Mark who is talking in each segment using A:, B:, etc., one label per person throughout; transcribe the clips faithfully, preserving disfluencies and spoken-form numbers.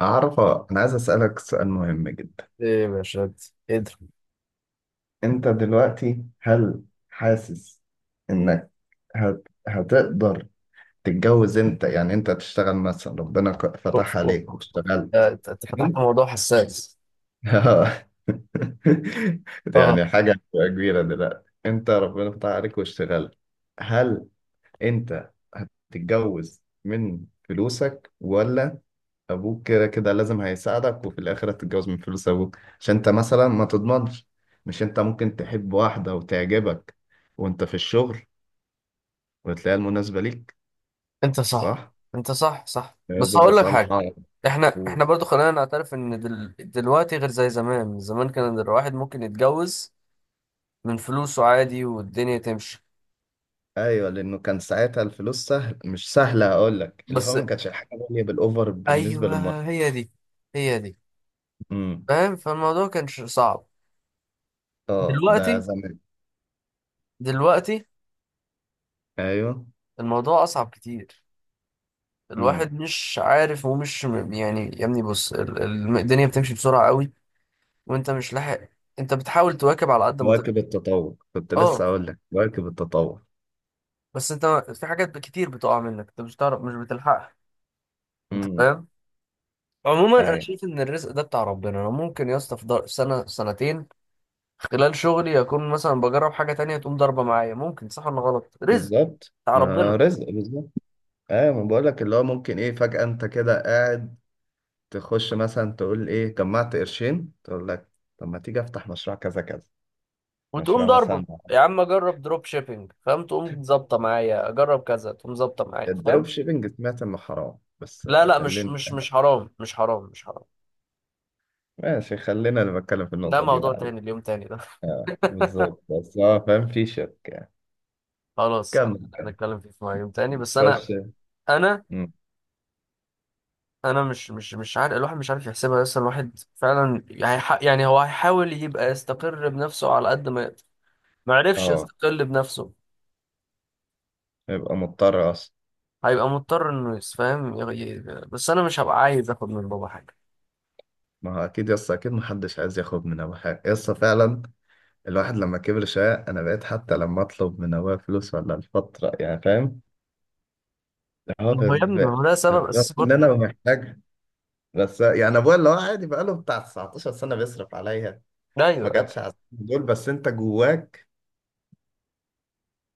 A: عرفة، أنا عايز أسألك سؤال مهم جدا.
B: ايه يا باشا؟ قدر.
A: أنت دلوقتي هل حاسس إنك هت... هتقدر تتجوز؟ أنت يعني أنت تشتغل مثلا ربنا ك-
B: اوف
A: فتح
B: اوف
A: عليك
B: اوف أوف. آه،
A: واشتغلت.
B: انت أنت فتحت
A: حلو.
B: موضوع حساس.
A: آه. دي
B: اه،
A: يعني حاجة هتبقى كبيرة دلوقتي، أنت ربنا فتح عليك واشتغلت. هل أنت هتتجوز من فلوسك، ولا ابوك كده كده لازم هيساعدك وفي الاخر هتتجوز من فلوس ابوك عشان انت مثلا ما تضمنش؟ مش انت ممكن تحب واحدة وتعجبك وانت في الشغل وتلاقيها المناسبة ليك؟
B: انت صح
A: صح؟
B: انت صح صح،
A: يا
B: بس
A: زوجة
B: هقول لك حاجه.
A: صالحة.
B: احنا
A: و-
B: احنا برضو خلينا نعترف ان دل... دلوقتي غير زي زمان. زمان كان الواحد ممكن يتجوز من فلوسه عادي والدنيا تمشي.
A: ايوه، لانه كان ساعتها الفلوس سهل، مش سهلة اقول لك، اللي
B: بس
A: هو ما كانتش الحاجة غالية بالاوفر بالنسبة للمرأة.
B: ايوه، هي دي هي دي.
A: امم
B: فاهم؟ فالموضوع كان ش- صعب.
A: اه، ده
B: دلوقتي
A: زمان.
B: دلوقتي
A: ايوه.
B: الموضوع اصعب كتير. الواحد
A: امم
B: مش عارف ومش م- يعني، يا ابني بص، ال- ال- الدنيا بتمشي بسرعه قوي. وانت مش لاحق. انت بتحاول تواكب على قد ما تقدر.
A: مواكب التطور، كنت
B: اه،
A: لسه اقول لك مواكب التطور.
B: بس انت في حاجات كتير بتقع منك، انت مش تعرف، مش بتلحقها. انت
A: امم
B: فاهم؟ عموما انا
A: ايوه،
B: شايف ان الرزق ده بتاع ربنا. انا ممكن يا اسطى في ضر- سنه سنتين خلال شغلي اكون مثلا بجرب حاجه تانية تقوم ضربه معايا. ممكن صح ولا غلط، رزق
A: بالظبط،
B: بتاع
A: ما
B: ربنا.
A: رزق بالظبط. اه، ما بقولك اللي هو ممكن ايه، فجأة انت كده قاعد تخش مثلا تقول ايه، جمعت قرشين، تقول لك طب ما تيجي افتح مشروع كذا كذا،
B: وتقوم
A: مشروع
B: ضربه.
A: مثلا.
B: يا عم اجرب دروب شيبينج، فاهم؟ تقوم ظابطه معايا، اجرب كذا تقوم ظابطه معايا،
A: الدروب
B: فاهم؟
A: شيبنج سمعت انه حرام، بس
B: لا
A: آه،
B: لا، مش
A: خلينا.
B: مش مش حرام، مش حرام، مش حرام.
A: ماشي، خلينا، انا بتكلم في
B: ده
A: النقطة دي
B: موضوع
A: بعدين.
B: تاني، اليوم تاني ده.
A: اه بالظبط، بس اه فاهم، في شك يعني.
B: خلاص،
A: كمل كمل.
B: هنتكلم فيه في يوم تاني. بس
A: خش.
B: انا، انا
A: مم.
B: انا مش مش مش عارف. الواحد مش عارف يحسبها، بس الواحد فعلا هيح- يعني هو هيحاول يبقى يستقر بنفسه على قد ما يقدر. ما عرفش
A: اه،
B: يستقل بنفسه،
A: يبقى مضطر اصلا.
B: هيبقى مضطر انه يسفهم. بس انا مش هبقى عايز اخد من بابا حاجه.
A: ما هو اكيد، يس اكيد محدش عايز ياخد من ابوه حاجه، يس فعلا. الواحد لما كبر شويه، انا بقيت حتى لما اطلب من ابويا فلوس ولا الفتره، يعني فاهم، اه
B: ما
A: ب-
B: هو يا ابني، ما
A: ب-
B: هو ده سبب
A: رغم
B: اساسي
A: ان
B: برضه
A: انا
B: إنه-
A: محتاجها، بس يعني ابويا اللي هو عادي بقاله بتاع تسعة عشر سنه بيصرف عليا.
B: ايوه
A: ما
B: ايوه.
A: جاتش على السنين دول، بس انت جواك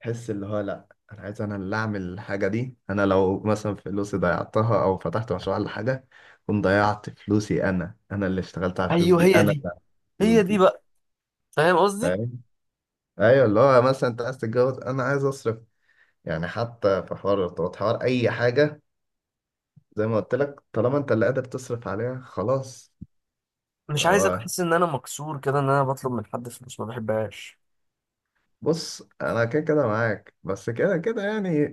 A: تحس اللي هو لا، انا عايز، انا اللي اعمل الحاجه دي. انا لو مثلا فلوسي ضيعتها او فتحت مشروع ولا حاجه، كنت ضيعت فلوسي، انا انا اللي اشتغلت على الفلوس
B: أيوه،
A: دي، انا
B: هي
A: اللي
B: دي.
A: عملت الفلوس
B: هي دي
A: دي،
B: بقى. فاهم قصدي؟
A: فاهم؟ ايوه، اللي هو مثلا انت عايز تتجوز، انا عايز اصرف يعني، حتى في حوار الارتباط، حوار اي حاجه، زي ما قلت لك، طالما انت اللي قادر تصرف عليها، خلاص.
B: مش
A: اللي
B: عايز ابقى
A: هو
B: احس ان انا مكسور كده، ان انا بطلب من حد فلوس، ما بحبهاش.
A: بص، انا كده كده معاك، بس كده كده يعني،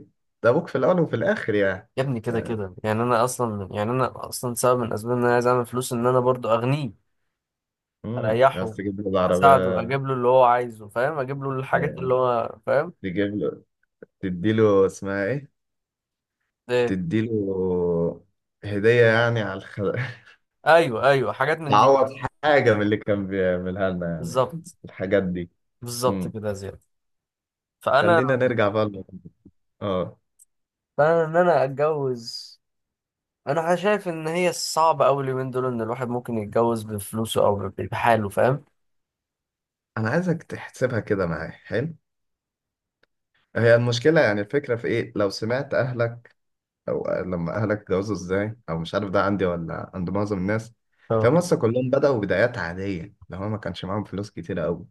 A: ده ابوك في الاول وفي الاخر يعني.
B: يا ابني كده
A: يعني
B: كده يعني، انا اصلا، يعني انا اصلا سبب من اسباب ان انا عايز اعمل فلوس ان انا برضو اغنيه،
A: امم
B: اريحه،
A: بس تجيب له
B: اساعده،
A: العربيه.
B: اجيب له اللي هو عايزه، فاهم؟ اجيب له الحاجات
A: أيوة،
B: اللي هو، فاهم؟
A: تجيب له، تدي له اسمها ايه،
B: ايه؟
A: تدي له هديه يعني على الخ...
B: ايوه ايوه، حاجات من دي
A: تعوض،
B: بقى.
A: حاجه من اللي كان بيعملها لنا يعني،
B: بالظبط.
A: الحاجات دي.
B: بالظبط
A: امم
B: كده يا زياد. فانا
A: خلينا نرجع بقى ل- اه،
B: فانا ان انا اتجوز. انا شايف ان هي صعبه قوي اليومين دول، ان الواحد ممكن يتجوز بفلوسه او ب- بحاله، فاهم؟
A: انا عايزك تحسبها كده معايا. حلو، هي المشكله يعني، الفكره في ايه؟ لو سمعت اهلك، او لما اهلك اتجوزوا ازاي، او مش عارف ده عندي ولا عند معظم الناس،
B: اه،
A: تلاقي مصر كلهم بدأوا بدايات عادية. لو هو ما كانش معاهم فلوس كتيرة قوي،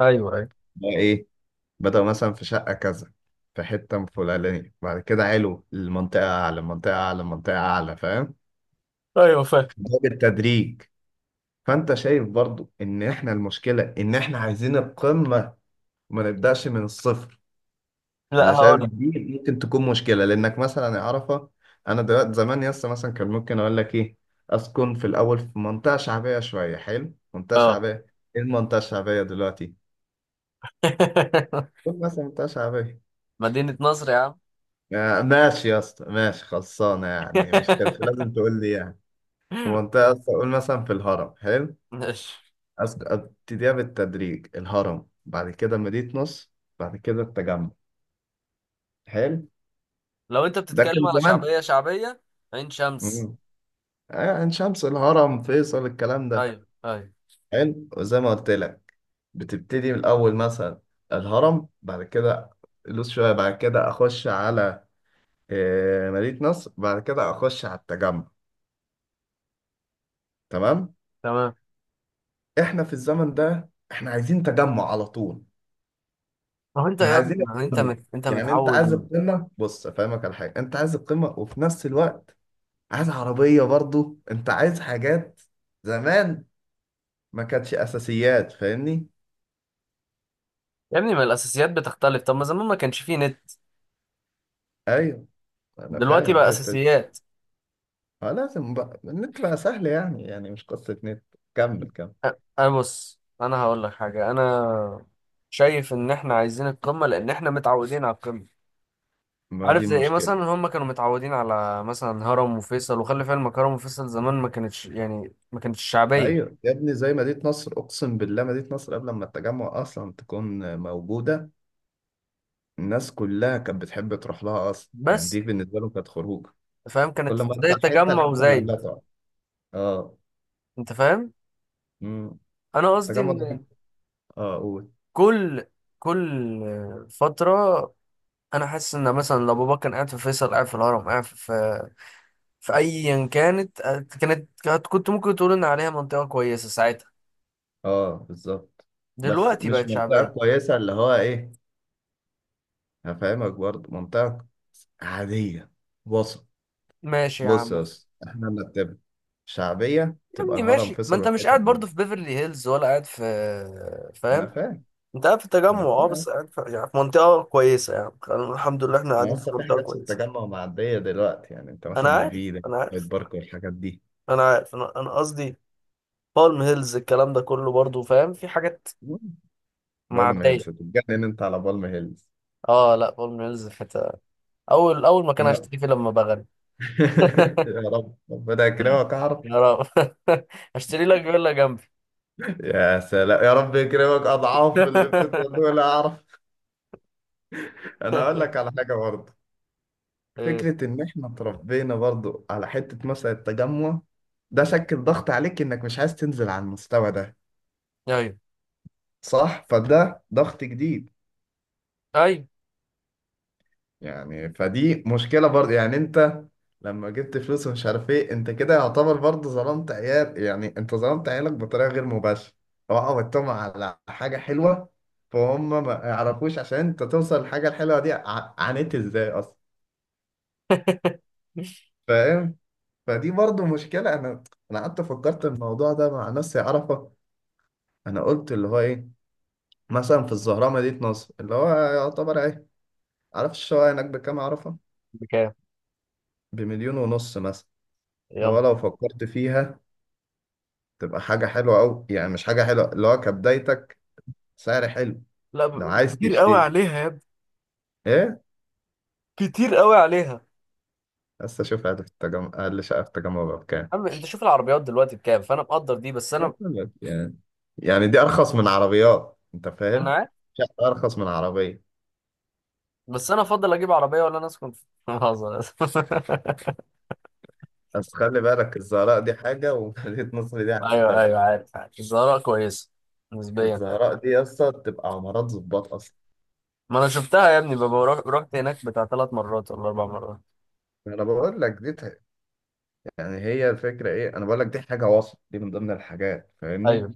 B: ايوه ايوه
A: بقى ايه، بدأوا مثلا في شقة كذا، في حتة فلانية، بعد كده علو المنطقة، أعلى منطقة أعلى منطقة أعلى، فاهم؟
B: ايوه فاهم.
A: ده بالتدريج. فأنت شايف برضو إن إحنا المشكلة إن إحنا عايزين القمة وما نبدأش من الصفر.
B: لا
A: انا
B: هقول
A: شايف
B: لك.
A: دي ممكن تكون مشكله لانك مثلا، يا عرفه، انا دلوقتي زمان، يس مثلا، كان ممكن اقول لك ايه، اسكن في الاول في منطقه شعبيه شويه. حلو، منطقه
B: اه.
A: شعبيه. ايه المنطقه الشعبيه دلوقتي؟ قول مثلا منطقه شعبيه.
B: مدينه نصر يا عم.
A: آه، ماشي يا اسطى، ماشي خلصانه، يعني مش كانش لازم تقول لي يعني. في منطقه أصلاً، قول مثلا في الهرم. حلو،
B: ماشي.
A: أسك- ابتديها بالتدريج، الهرم، بعد كده مدينه نصر، بعد كده التجمع. حلو،
B: لو انت
A: ده
B: بتتكلم
A: كان
B: على
A: زمان.
B: شعبية شعبية، عين شمس.
A: مم. آه، عين شمس، الهرم، فيصل، الكلام ده.
B: ايوه ايوه.
A: حلو، وزي ما قلت لك، بتبتدي من الاول مثلا الهرم، بعد كده لوس شويه، بعد كده اخش على، آه، مدينه نصر، بعد كده اخش على التجمع. تمام.
B: تمام.
A: احنا في الزمن ده احنا عايزين تجمع على طول.
B: ما هو انت
A: احنا
B: يا ابني،
A: عايزين
B: ما هو انت
A: القمه،
B: مت... انت
A: يعني انت عايز
B: متعود.
A: القمه. بص افهمك على حاجه، انت عايز القمه، وفي نفس الوقت عايز عربيه برضو، انت عايز حاجات زمان ما كانتش اساسيات، فاهمني؟
B: يا ابني، ما الاساسيات بتختلف. طب ما زمان ما كانش فيه نت.
A: ايوه، انا
B: دلوقتي
A: فاهم
B: بقى
A: الحته.
B: اساسيات.
A: اه، لازم بقى النت، بقى سهل يعني، يعني مش قصة نت. كمل كمل.
B: أ- انا بص، انا هقول لك حاجة. انا شايف ان احنا عايزين القمة لان احنا متعودين على القمة.
A: ما
B: عارف
A: دي
B: زي ايه؟
A: المشكلة.
B: مثلا هم كانوا متعودين على مثلا هرم وفيصل. وخلي في علمك، هرم وفيصل زمان ما كانتش، يعني ما كانتش شعبية.
A: ايوه يا ابني، زي مدينة نصر، اقسم بالله مدينة نصر قبل ما التجمع اصلا تكون موجودة، الناس كلها كانت بتحب تروح لها اصلا، يعني
B: بس
A: دي بالنسبة لهم كانت خروج.
B: فاهم، كانت
A: كل ما
B: زي
A: تطلع حتة،
B: التجمع
A: الحتة اللي قبلها
B: وزايد.
A: تقعد. اه.
B: انت فاهم؟
A: امم
B: انا قصدي
A: التجمع ده،
B: ان
A: اه قول.
B: كل كل فتره، انا حاسس ان مثلا لو بابا كان قاعد في فيصل، قاعد في الهرم، قاعد في في في ايا كانت، آه، كانت كانت- كنت ممكن تقول ان عليها منطقه كويسه ساعتها.
A: اه بالظبط، بس
B: دلوقتي
A: مش
B: بقت
A: منطقة
B: شعبيه.
A: كويسة، اللي هو ايه، هفهمك برضه، منطقة عادية، وسط.
B: ماشي يا
A: بص
B: عم.
A: يا اسطى، احنا نرتبها، شعبية
B: يا
A: تبقى
B: ابني
A: الهرم،
B: ماشي. ما
A: فيصل
B: انت مش
A: والحتت
B: قاعد
A: دي.
B: برضه في بيفرلي هيلز ولا قاعد في،
A: أنا
B: فاهم؟
A: فاهم.
B: انت قاعد في التجمع،
A: أنا
B: اه،
A: فاهم.
B: بس قاعد في، يعني في منطقه كويسه يعني. الحمد لله احنا
A: ما
B: قاعدين في
A: لسه في
B: منطقه
A: حاجات في
B: كويسه.
A: التجمع معدية دلوقتي يعني، أنت
B: انا
A: مثلا
B: عارف
A: مفيدة،
B: انا
A: هايد
B: عارف
A: بارك والحاجات دي.
B: انا عارف. انا أنا قصدي بالم هيلز الكلام ده كله، برضو فاهم؟ في حاجات
A: بالم
B: معدية.
A: هيلز، تتجنن أنت على بالم هيلز.
B: اه لا، بالم هيلز في حتة. اول اول مكان
A: أنا
B: هشتري فيه لما بغني.
A: يا رب ربنا يكرمك، أعرف.
B: يا رب. هشتري لك فيلا جنبي.
A: يا سلام، يا رب يكرمك أضعاف اللي بتتقال دول، أعرف. أنا أقول لك على حاجة برضه،
B: ايه؟
A: فكرة إن إحنا اتربينا برضو على حتة مثلا التجمع ده، شكل ضغط عليك إنك مش عايز تنزل على المستوى ده.
B: ايوه
A: صح؟ فده ضغط جديد.
B: ايوه.
A: يعني فدي مشكلة برضو يعني. أنت لما جبت فلوس ومش عارف إيه، أنت كده يعتبر برضو ظلمت عيال، يعني أنت ظلمت عيالك بطريقة غير مباشرة. هو عودتهم على حاجة حلوة، فهم ما يعرفوش عشان أنت توصل للحاجة الحلوة دي ع- عانيت إزاي أصلا، فاهم؟ فدي برضو مشكلة. أنا، أنا قعدت فكرت الموضوع ده مع ناس، يعرفة انا قلت اللي هو ايه، مثلا في الزهراء، مدينة نصر، اللي هو يعتبر ايه، عارف الشقة هناك بكام؟ عارفة،
B: بكام؟
A: بمليون ونص مثلا. اللي هو
B: يلا.
A: لو فكرت فيها، تبقى حاجة حلوة أوي يعني، مش حاجة حلوة، اللي هو كبدايتك سعر حلو
B: لا
A: لو
B: ب...
A: عايز
B: كتير قوي
A: تشتري.
B: عليها يا ابني.
A: ايه؟
B: كتير قوي عليها يا
A: بس اشوف اقل في التجمع، اقل شقة في التجمع بقى بكام
B: عم. انت شوف العربيات دلوقتي بكام، فانا مقدر دي، بس
A: أقول
B: انا،
A: لك يعني، يعني دي ارخص من عربيات، انت
B: انا
A: فاهم؟
B: عارف.
A: شقة ارخص من عربية.
B: بس انا افضل اجيب عربيه، ولا انا اسكن في بهزر.
A: بس خلي بالك، الزهراء دي حاجة ومدينة نصر دي حاجة
B: ايوه
A: تانية.
B: ايوه عارف عارف، الزهراء كويسه نسبيا. حلو.
A: الزهراء دي يا اسطى بتبقى عمارات ظباط اصلا.
B: ما انا شفتها يا ابني، ببقى روح- رحت هناك بتاع ثلاث مرات ولا اربع مرات.
A: انا بقول لك دي ت- يعني هي الفكره ايه، انا بقول لك دي حاجه وسط، دي من ضمن الحاجات، فاهمني؟
B: ايوه،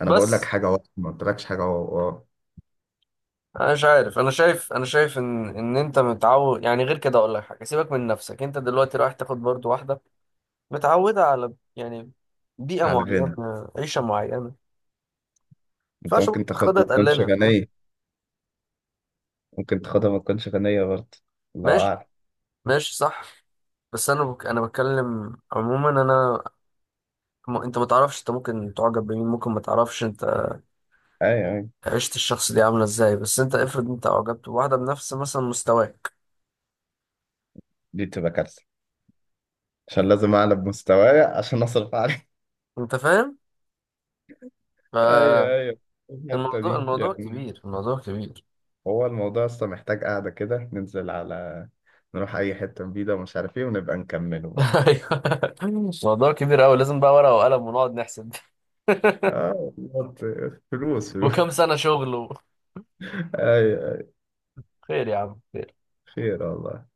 A: انا مم. بقول لك
B: بس
A: حاجه وسط، ما قلتلكش حاجه و- و-
B: انا مش عارف. انا شايف انا شايف ان ان انت متعود يعني. غير كده اقول لك حاجه، سيبك من نفسك، انت دلوقتي رايح تاخد برضو واحده متعوده على، يعني بيئه
A: على الغنى.
B: معينه عيشه معينه. ما
A: انت
B: ينفعش برضو
A: ممكن تاخدها
B: تاخدها
A: ما تكونش
B: تقللها، فاهم؟
A: غنيه. ممكن تاخدها ما تكونش غنيه برضه. الله
B: ماشي.
A: اعلم.
B: ماشي صح. بس انا بك... انا بتكلم عموما. انا م... انت ما تعرفش، انت ممكن تعجب بمين، ممكن ما تعرفش انت
A: ايوه ايوه،
B: عيشة الشخص دي عاملة ازاي. بس انت افرض انت اعجبت بواحدة بنفس مثلا مستواك.
A: دي بتبقى كارثه عشان لازم اعلى بمستواي عشان اصرف عليه.
B: انت فاهم؟
A: ايوه
B: فالموضوع،
A: ايوه، الحته دي
B: الموضوع
A: يعني.
B: كبير، الموضوع كبير.
A: هو الموضوع اصلا محتاج قاعده كده ننزل على، نروح اي حته جديده ومش عارف ايه، ونبقى نكمله بقى.
B: ايوه. الموضوع كبير اوي، لازم بقى ورقة وقلم ونقعد نحسب.
A: اه والله، فلوس فلوس.
B: وكم سنة شغل و-
A: ايوه،
B: خير يا عم، خير.
A: خير والله.